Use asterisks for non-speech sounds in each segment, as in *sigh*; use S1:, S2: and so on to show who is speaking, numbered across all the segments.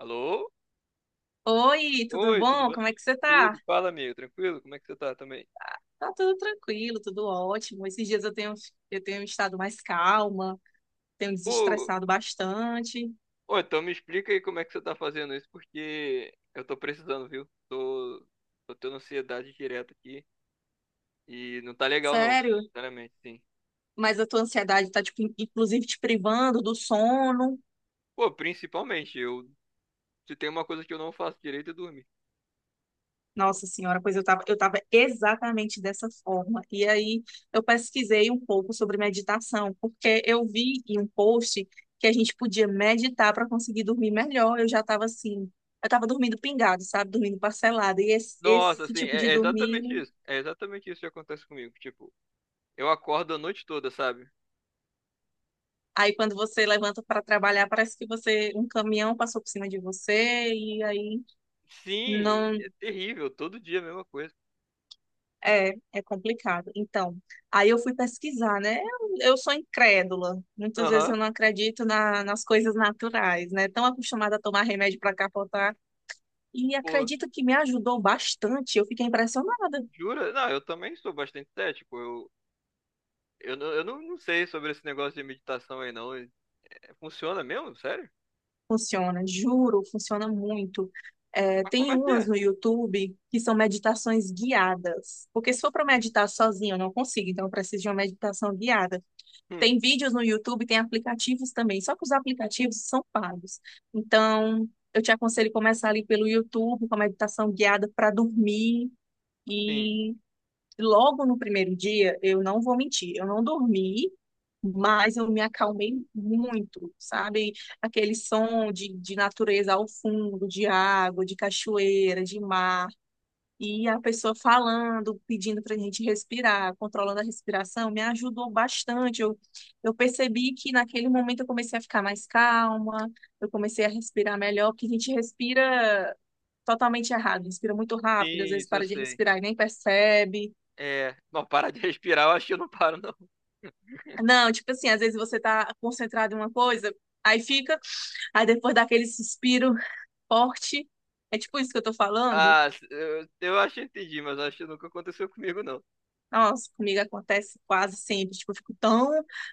S1: Alô?
S2: Oi, tudo
S1: Oi, tudo
S2: bom?
S1: bem?
S2: Como é que você tá?
S1: Tudo. Fala, amigo, tranquilo? Como é que você tá também?
S2: Tá tudo tranquilo, tudo ótimo. Esses dias eu tenho estado mais calma, tenho
S1: Pô,
S2: desestressado bastante.
S1: ô, então me explica aí como é que você tá fazendo isso, porque eu tô precisando, viu? Tô tendo ansiedade direta aqui e não tá legal não,
S2: Sério,
S1: sinceramente, sim.
S2: mas a tua ansiedade tá, tipo, inclusive te privando do sono.
S1: Pô, principalmente, eu se tem uma coisa que eu não faço direito é dormir.
S2: Nossa senhora, pois eu tava exatamente dessa forma. E aí eu pesquisei um pouco sobre meditação, porque eu vi em um post que a gente podia meditar para conseguir dormir melhor. Eu já tava assim, eu tava dormindo pingado, sabe? Dormindo parcelado. E esse,
S1: Nossa,
S2: esse
S1: assim,
S2: tipo de
S1: é
S2: dormir,
S1: exatamente isso. É exatamente isso que acontece comigo. Tipo, eu acordo a noite toda, sabe?
S2: aí quando você levanta para trabalhar, parece que você, um caminhão passou por cima de você e aí
S1: Sim,
S2: não.
S1: é terrível, todo dia a mesma coisa.
S2: É, é complicado. Então, aí eu fui pesquisar, né? Eu sou incrédula. Muitas vezes
S1: Aham,
S2: eu não acredito nas coisas naturais, né? Tão acostumada a tomar remédio para capotar. E
S1: pô.
S2: acredita que me ajudou bastante. Eu fiquei impressionada.
S1: Jura? Não, eu também sou bastante cético. Não, eu não, não sei sobre esse negócio de meditação aí, não. Funciona mesmo? Sério?
S2: Funciona, juro, funciona muito. É,
S1: Mas como
S2: tem
S1: é que
S2: umas
S1: é?
S2: no YouTube que são meditações guiadas. Porque se for para
S1: Hum,
S2: meditar sozinha, eu não consigo. Então, eu preciso de uma meditação guiada.
S1: hum,
S2: Tem vídeos no YouTube, tem aplicativos também, só que os aplicativos são pagos. Então, eu te aconselho começar ali pelo YouTube, com a meditação guiada para dormir.
S1: sim,
S2: E logo no primeiro dia, eu não vou mentir, eu não dormi, mas eu me acalmei muito, sabe? Aquele som de natureza ao fundo, de água, de cachoeira, de mar. E a pessoa falando, pedindo para a gente respirar, controlando a respiração, me ajudou bastante. Eu percebi que naquele momento eu comecei a ficar mais calma, eu comecei a respirar melhor, porque a gente respira totalmente errado, respira muito rápido, às
S1: sim,
S2: vezes
S1: isso eu
S2: para de
S1: sei.
S2: respirar e nem percebe.
S1: É, não, *laughs* para de respirar, eu acho que eu não paro, não. *laughs*
S2: Não, tipo assim, às vezes você está concentrado em uma coisa, aí fica, aí depois daquele suspiro forte, é tipo isso que eu tô falando.
S1: Ah, eu acho que entendi, mas acho que nunca aconteceu comigo, não.
S2: Nossa, comigo acontece quase sempre. Tipo, eu fico tão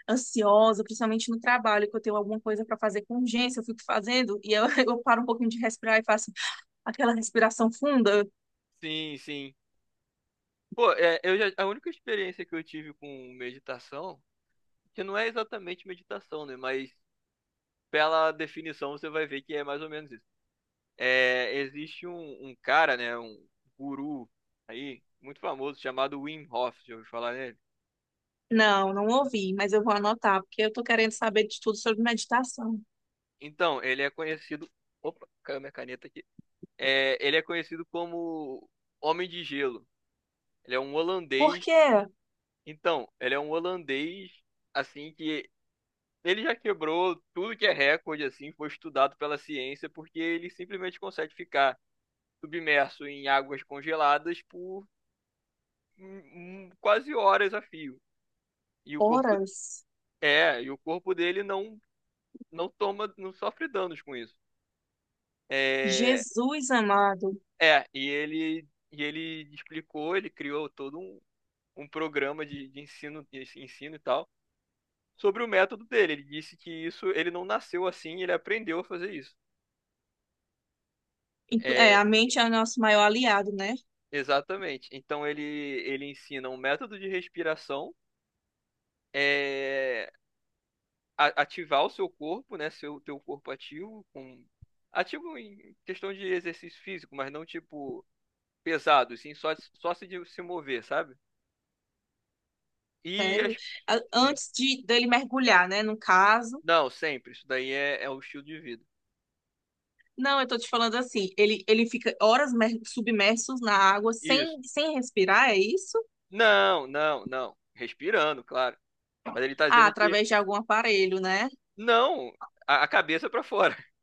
S2: ansiosa, principalmente no trabalho, que eu tenho alguma coisa para fazer com urgência, eu fico fazendo e eu, *laughs* eu paro um pouquinho de respirar e faço aquela respiração funda.
S1: Sim, sim. Pô, é, a única experiência que eu tive com meditação, que não é exatamente meditação, né? Mas pela definição você vai ver que é mais ou menos isso. É, existe um cara, né, um guru aí, muito famoso, chamado Wim Hof, já ouviu falar nele?
S2: Não, não ouvi, mas eu vou anotar, porque eu tô querendo saber de tudo sobre meditação.
S1: Então, ele é conhecido. Opa, caiu minha caneta aqui. É, ele é conhecido como Homem de Gelo. Ele é um holandês.
S2: Porque
S1: Então, ele é um holandês, assim, que ele já quebrou tudo que é recorde, assim, foi estudado pela ciência, porque ele simplesmente consegue ficar submerso em águas congeladas por hum, quase horas a fio. E o corpo
S2: horas,
S1: É, e o corpo dele não toma, não sofre danos com isso. É,
S2: Jesus amado.
S1: e ele explicou, ele criou todo um programa de ensino e tal sobre o método dele. Ele disse que isso ele não nasceu assim, ele aprendeu a fazer isso.
S2: É,
S1: É,
S2: a mente é o nosso maior aliado, né?
S1: exatamente. Então ele ensina um método de respiração, é, ativar o seu corpo, né, seu teu corpo ativo com ativo em questão de exercício físico, mas não tipo pesado, assim, só se mover, sabe? E
S2: Sério.
S1: as. Sim.
S2: Antes de dele mergulhar, né? No caso.
S1: Não, sempre. Isso daí é, é o estilo de vida.
S2: Não, eu tô te falando assim, ele fica horas submersos na água
S1: Isso.
S2: sem respirar, é isso?
S1: Não, não, não. Respirando, claro. Mas ele tá
S2: Ah,
S1: dizendo que.
S2: através de algum aparelho, né?
S1: Não! A cabeça pra fora. *laughs*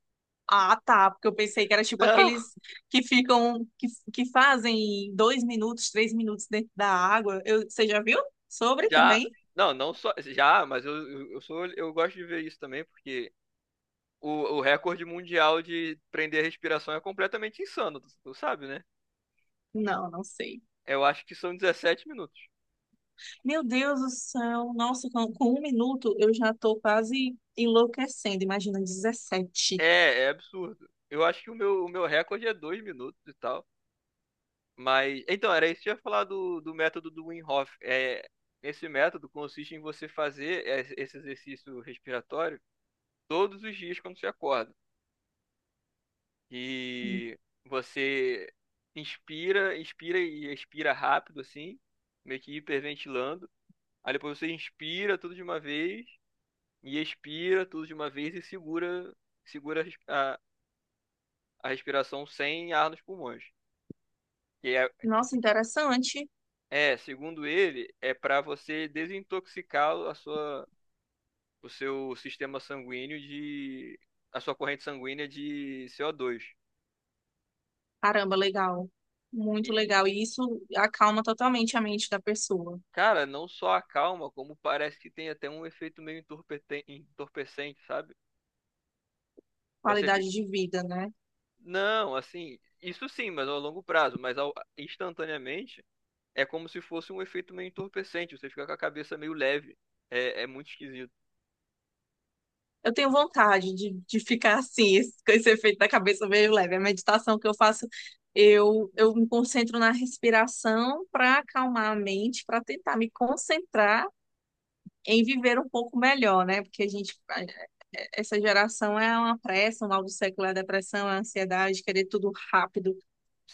S2: Ah, tá, porque eu pensei que era tipo
S1: Não!
S2: aqueles que ficam, que fazem 2 minutos, 3 minutos dentro da água. Eu, você já viu sobre
S1: Já.
S2: também?
S1: Não, não só. Já, mas eu sou, eu gosto de ver isso também, porque o, o recorde mundial de prender a respiração é completamente insano, tu sabe, né?
S2: Não, não sei.
S1: Eu acho que são 17 minutos.
S2: Meu Deus do céu, nossa, com 1 minuto eu já tô quase enlouquecendo, imagina 17.
S1: É, é absurdo. Eu acho que o meu recorde é 2 minutos e tal. Mas, então, era isso que eu ia falar do método do Wim Hof. É, esse método consiste em você fazer esse exercício respiratório todos os dias quando você acorda. E você inspira, inspira e expira rápido, assim, meio que hiperventilando. Aí depois você inspira tudo de uma vez e expira tudo de uma vez e segura, segura a respiração sem ar nos pulmões. Que
S2: Nossa, interessante.
S1: é, segundo ele, é para você desintoxicar a sua o seu sistema sanguíneo de. A sua corrente sanguínea de CO2.
S2: Caramba, legal. Muito
S1: E,
S2: legal. E isso acalma totalmente a mente da pessoa.
S1: cara, não só acalma, como parece que tem até um efeito meio entorpecente, sabe? Você fica.
S2: Qualidade de vida, né?
S1: Não, assim, isso sim, mas a longo prazo, mas instantaneamente é como se fosse um efeito meio entorpecente, você fica com a cabeça meio leve. É, é muito esquisito.
S2: Eu tenho vontade de ficar assim, *laughs* com esse efeito da cabeça meio leve. A meditação que eu faço, eu me concentro na respiração para acalmar a mente, para tentar me concentrar em viver um pouco melhor, né? Porque a gente, essa geração é uma pressa, o mal do século é a depressão, é a ansiedade, querer tudo rápido,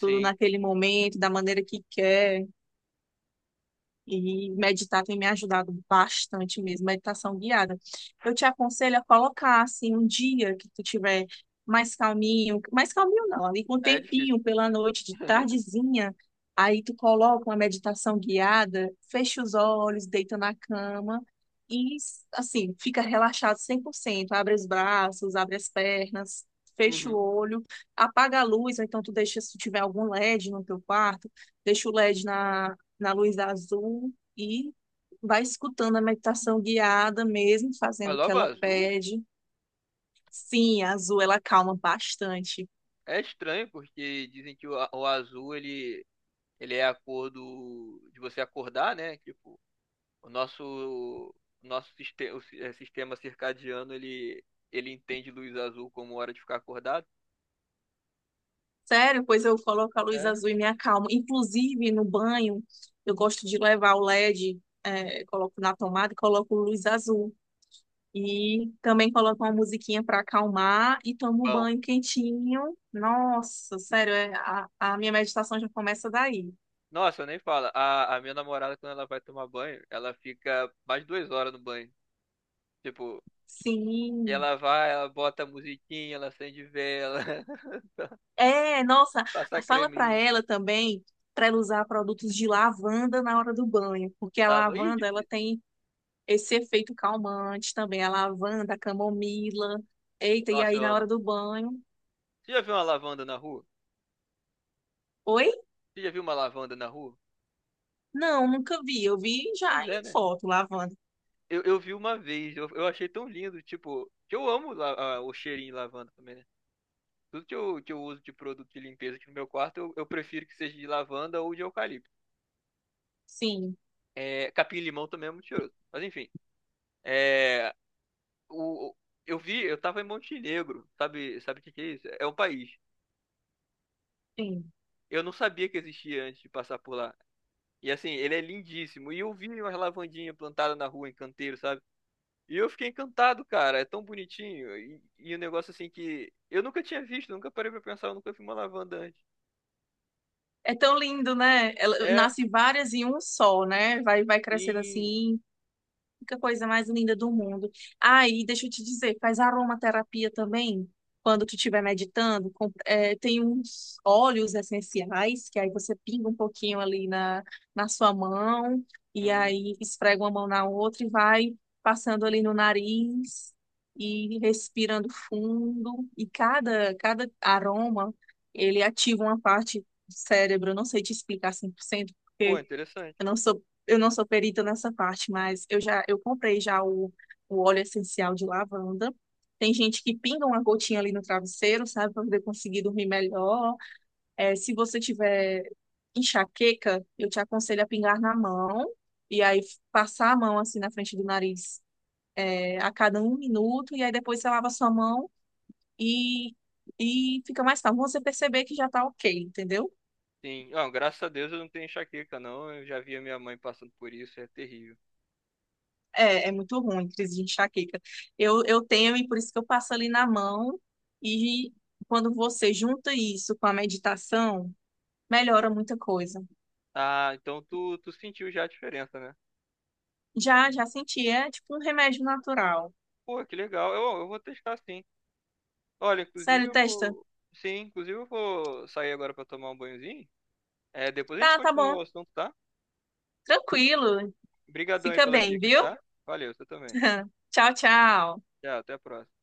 S2: tudo naquele momento, da maneira que quer. E meditar tem me ajudado bastante mesmo, meditação guiada. Eu te aconselho a colocar assim um dia que tu tiver mais calminho não, ali com um
S1: é difícil.
S2: tempinho pela noite, de
S1: *laughs*
S2: tardezinha, aí tu coloca uma meditação guiada, fecha os olhos, deita na cama e assim, fica relaxado 100%, abre os braços, abre as pernas, fecha o
S1: Uhum.
S2: olho, apaga a luz, ou então tu deixa se tu tiver algum LED no teu quarto, deixa o LED na luz azul e vai escutando a meditação guiada mesmo, fazendo
S1: Mas
S2: o que
S1: logo
S2: ela
S1: azul
S2: pede. Sim, a azul ela acalma bastante.
S1: é estranho, porque dizem que o azul ele é acordo de você acordar, né? Tipo, o nosso o nosso sistema, sistema circadiano ele entende luz azul como hora de ficar acordado.
S2: Sério, pois eu coloco a luz
S1: É.
S2: azul e me acalmo. Inclusive no banho, eu gosto de levar o LED, é, coloco na tomada e coloco luz azul. E também coloco uma musiquinha para acalmar e tomo um
S1: Bom,
S2: banho quentinho. Nossa, sério, é, a minha meditação já começa daí.
S1: nossa, eu nem fala. A minha namorada quando ela vai tomar banho, ela fica mais de 2 horas no banho. Tipo,
S2: Sim.
S1: ela vai, ela bota a musiquinha, ela acende vela, *laughs*
S2: É, nossa,
S1: passa
S2: fala para
S1: creminho,
S2: ela também para ela usar produtos de lavanda na hora do banho, porque a
S1: lava. Ih,
S2: lavanda ela
S1: difícil.
S2: tem esse efeito calmante também, a lavanda, a camomila. Eita, e
S1: Nossa,
S2: aí
S1: eu
S2: na hora
S1: amo.
S2: do banho?
S1: Você já viu uma lavanda na rua?
S2: Oi?
S1: Você já viu uma lavanda na rua?
S2: Não, nunca vi. Eu vi já
S1: Pois
S2: em
S1: é, né?
S2: foto lavanda.
S1: Eu vi uma vez, eu achei tão lindo, tipo, que eu amo o cheirinho de lavanda também, né? Tudo que eu uso de produto de limpeza aqui no meu quarto, eu prefiro que seja de lavanda ou de eucalipto.
S2: Sim,
S1: É, capim-limão também é muito cheiroso. Mas enfim, é, o, o- eu vi, eu tava em Montenegro, sabe, sabe o que que é isso? É um país.
S2: sim.
S1: Eu não sabia que existia antes de passar por lá. E assim, ele é lindíssimo. E eu vi umas lavandinhas plantadas na rua, em canteiro, sabe? E eu fiquei encantado, cara. É tão bonitinho. E um negócio assim que eu nunca tinha visto, nunca parei pra pensar, eu nunca vi uma lavanda antes.
S2: É tão lindo, né? Ela
S1: É,
S2: nasce várias em um só, né? Vai, vai crescendo
S1: sim.
S2: assim. Que coisa mais linda do mundo. Aí, deixa eu te dizer, faz aromaterapia também. Quando tu estiver meditando, é, tem uns óleos essenciais, que aí você pinga um pouquinho ali na sua mão, e
S1: Hum,
S2: aí esfrega uma mão na outra e vai passando ali no nariz e respirando fundo. E cada aroma, ele ativa uma parte do cérebro. Eu não sei te explicar 100%
S1: pô,
S2: porque
S1: interessante.
S2: eu não sou perita nessa parte, mas eu já eu comprei já o óleo essencial de lavanda. Tem gente que pinga uma gotinha ali no travesseiro, sabe, para poder conseguir dormir melhor. É, se você tiver enxaqueca, eu te aconselho a pingar na mão e aí passar a mão assim na frente do nariz, é, a cada 1 minuto e aí depois você lava a sua mão e fica mais calmo. Você perceber que já tá ok, entendeu?
S1: Sim. Ah, graças a Deus eu não tenho enxaqueca, não. Eu já vi a minha mãe passando por isso, é terrível.
S2: É, é muito ruim, crise de enxaqueca. Eu tenho, e por isso que eu passo ali na mão. E quando você junta isso com a meditação, melhora muita coisa.
S1: Ah, então tu sentiu já a diferença, né?
S2: Já senti, é tipo um remédio natural.
S1: Pô, que legal. Eu vou testar sim. Olha, inclusive
S2: Sério,
S1: eu
S2: testa?
S1: vou. Sim, inclusive eu vou sair agora pra tomar um banhozinho. É, depois a gente
S2: Tá, tá
S1: continua
S2: bom,
S1: o assunto, tá?
S2: tranquilo.
S1: Obrigadão aí
S2: Fica
S1: pelas
S2: bem,
S1: dicas,
S2: viu?
S1: tá? Valeu, você também.
S2: *laughs* Tchau, tchau.
S1: Tchau, até a próxima.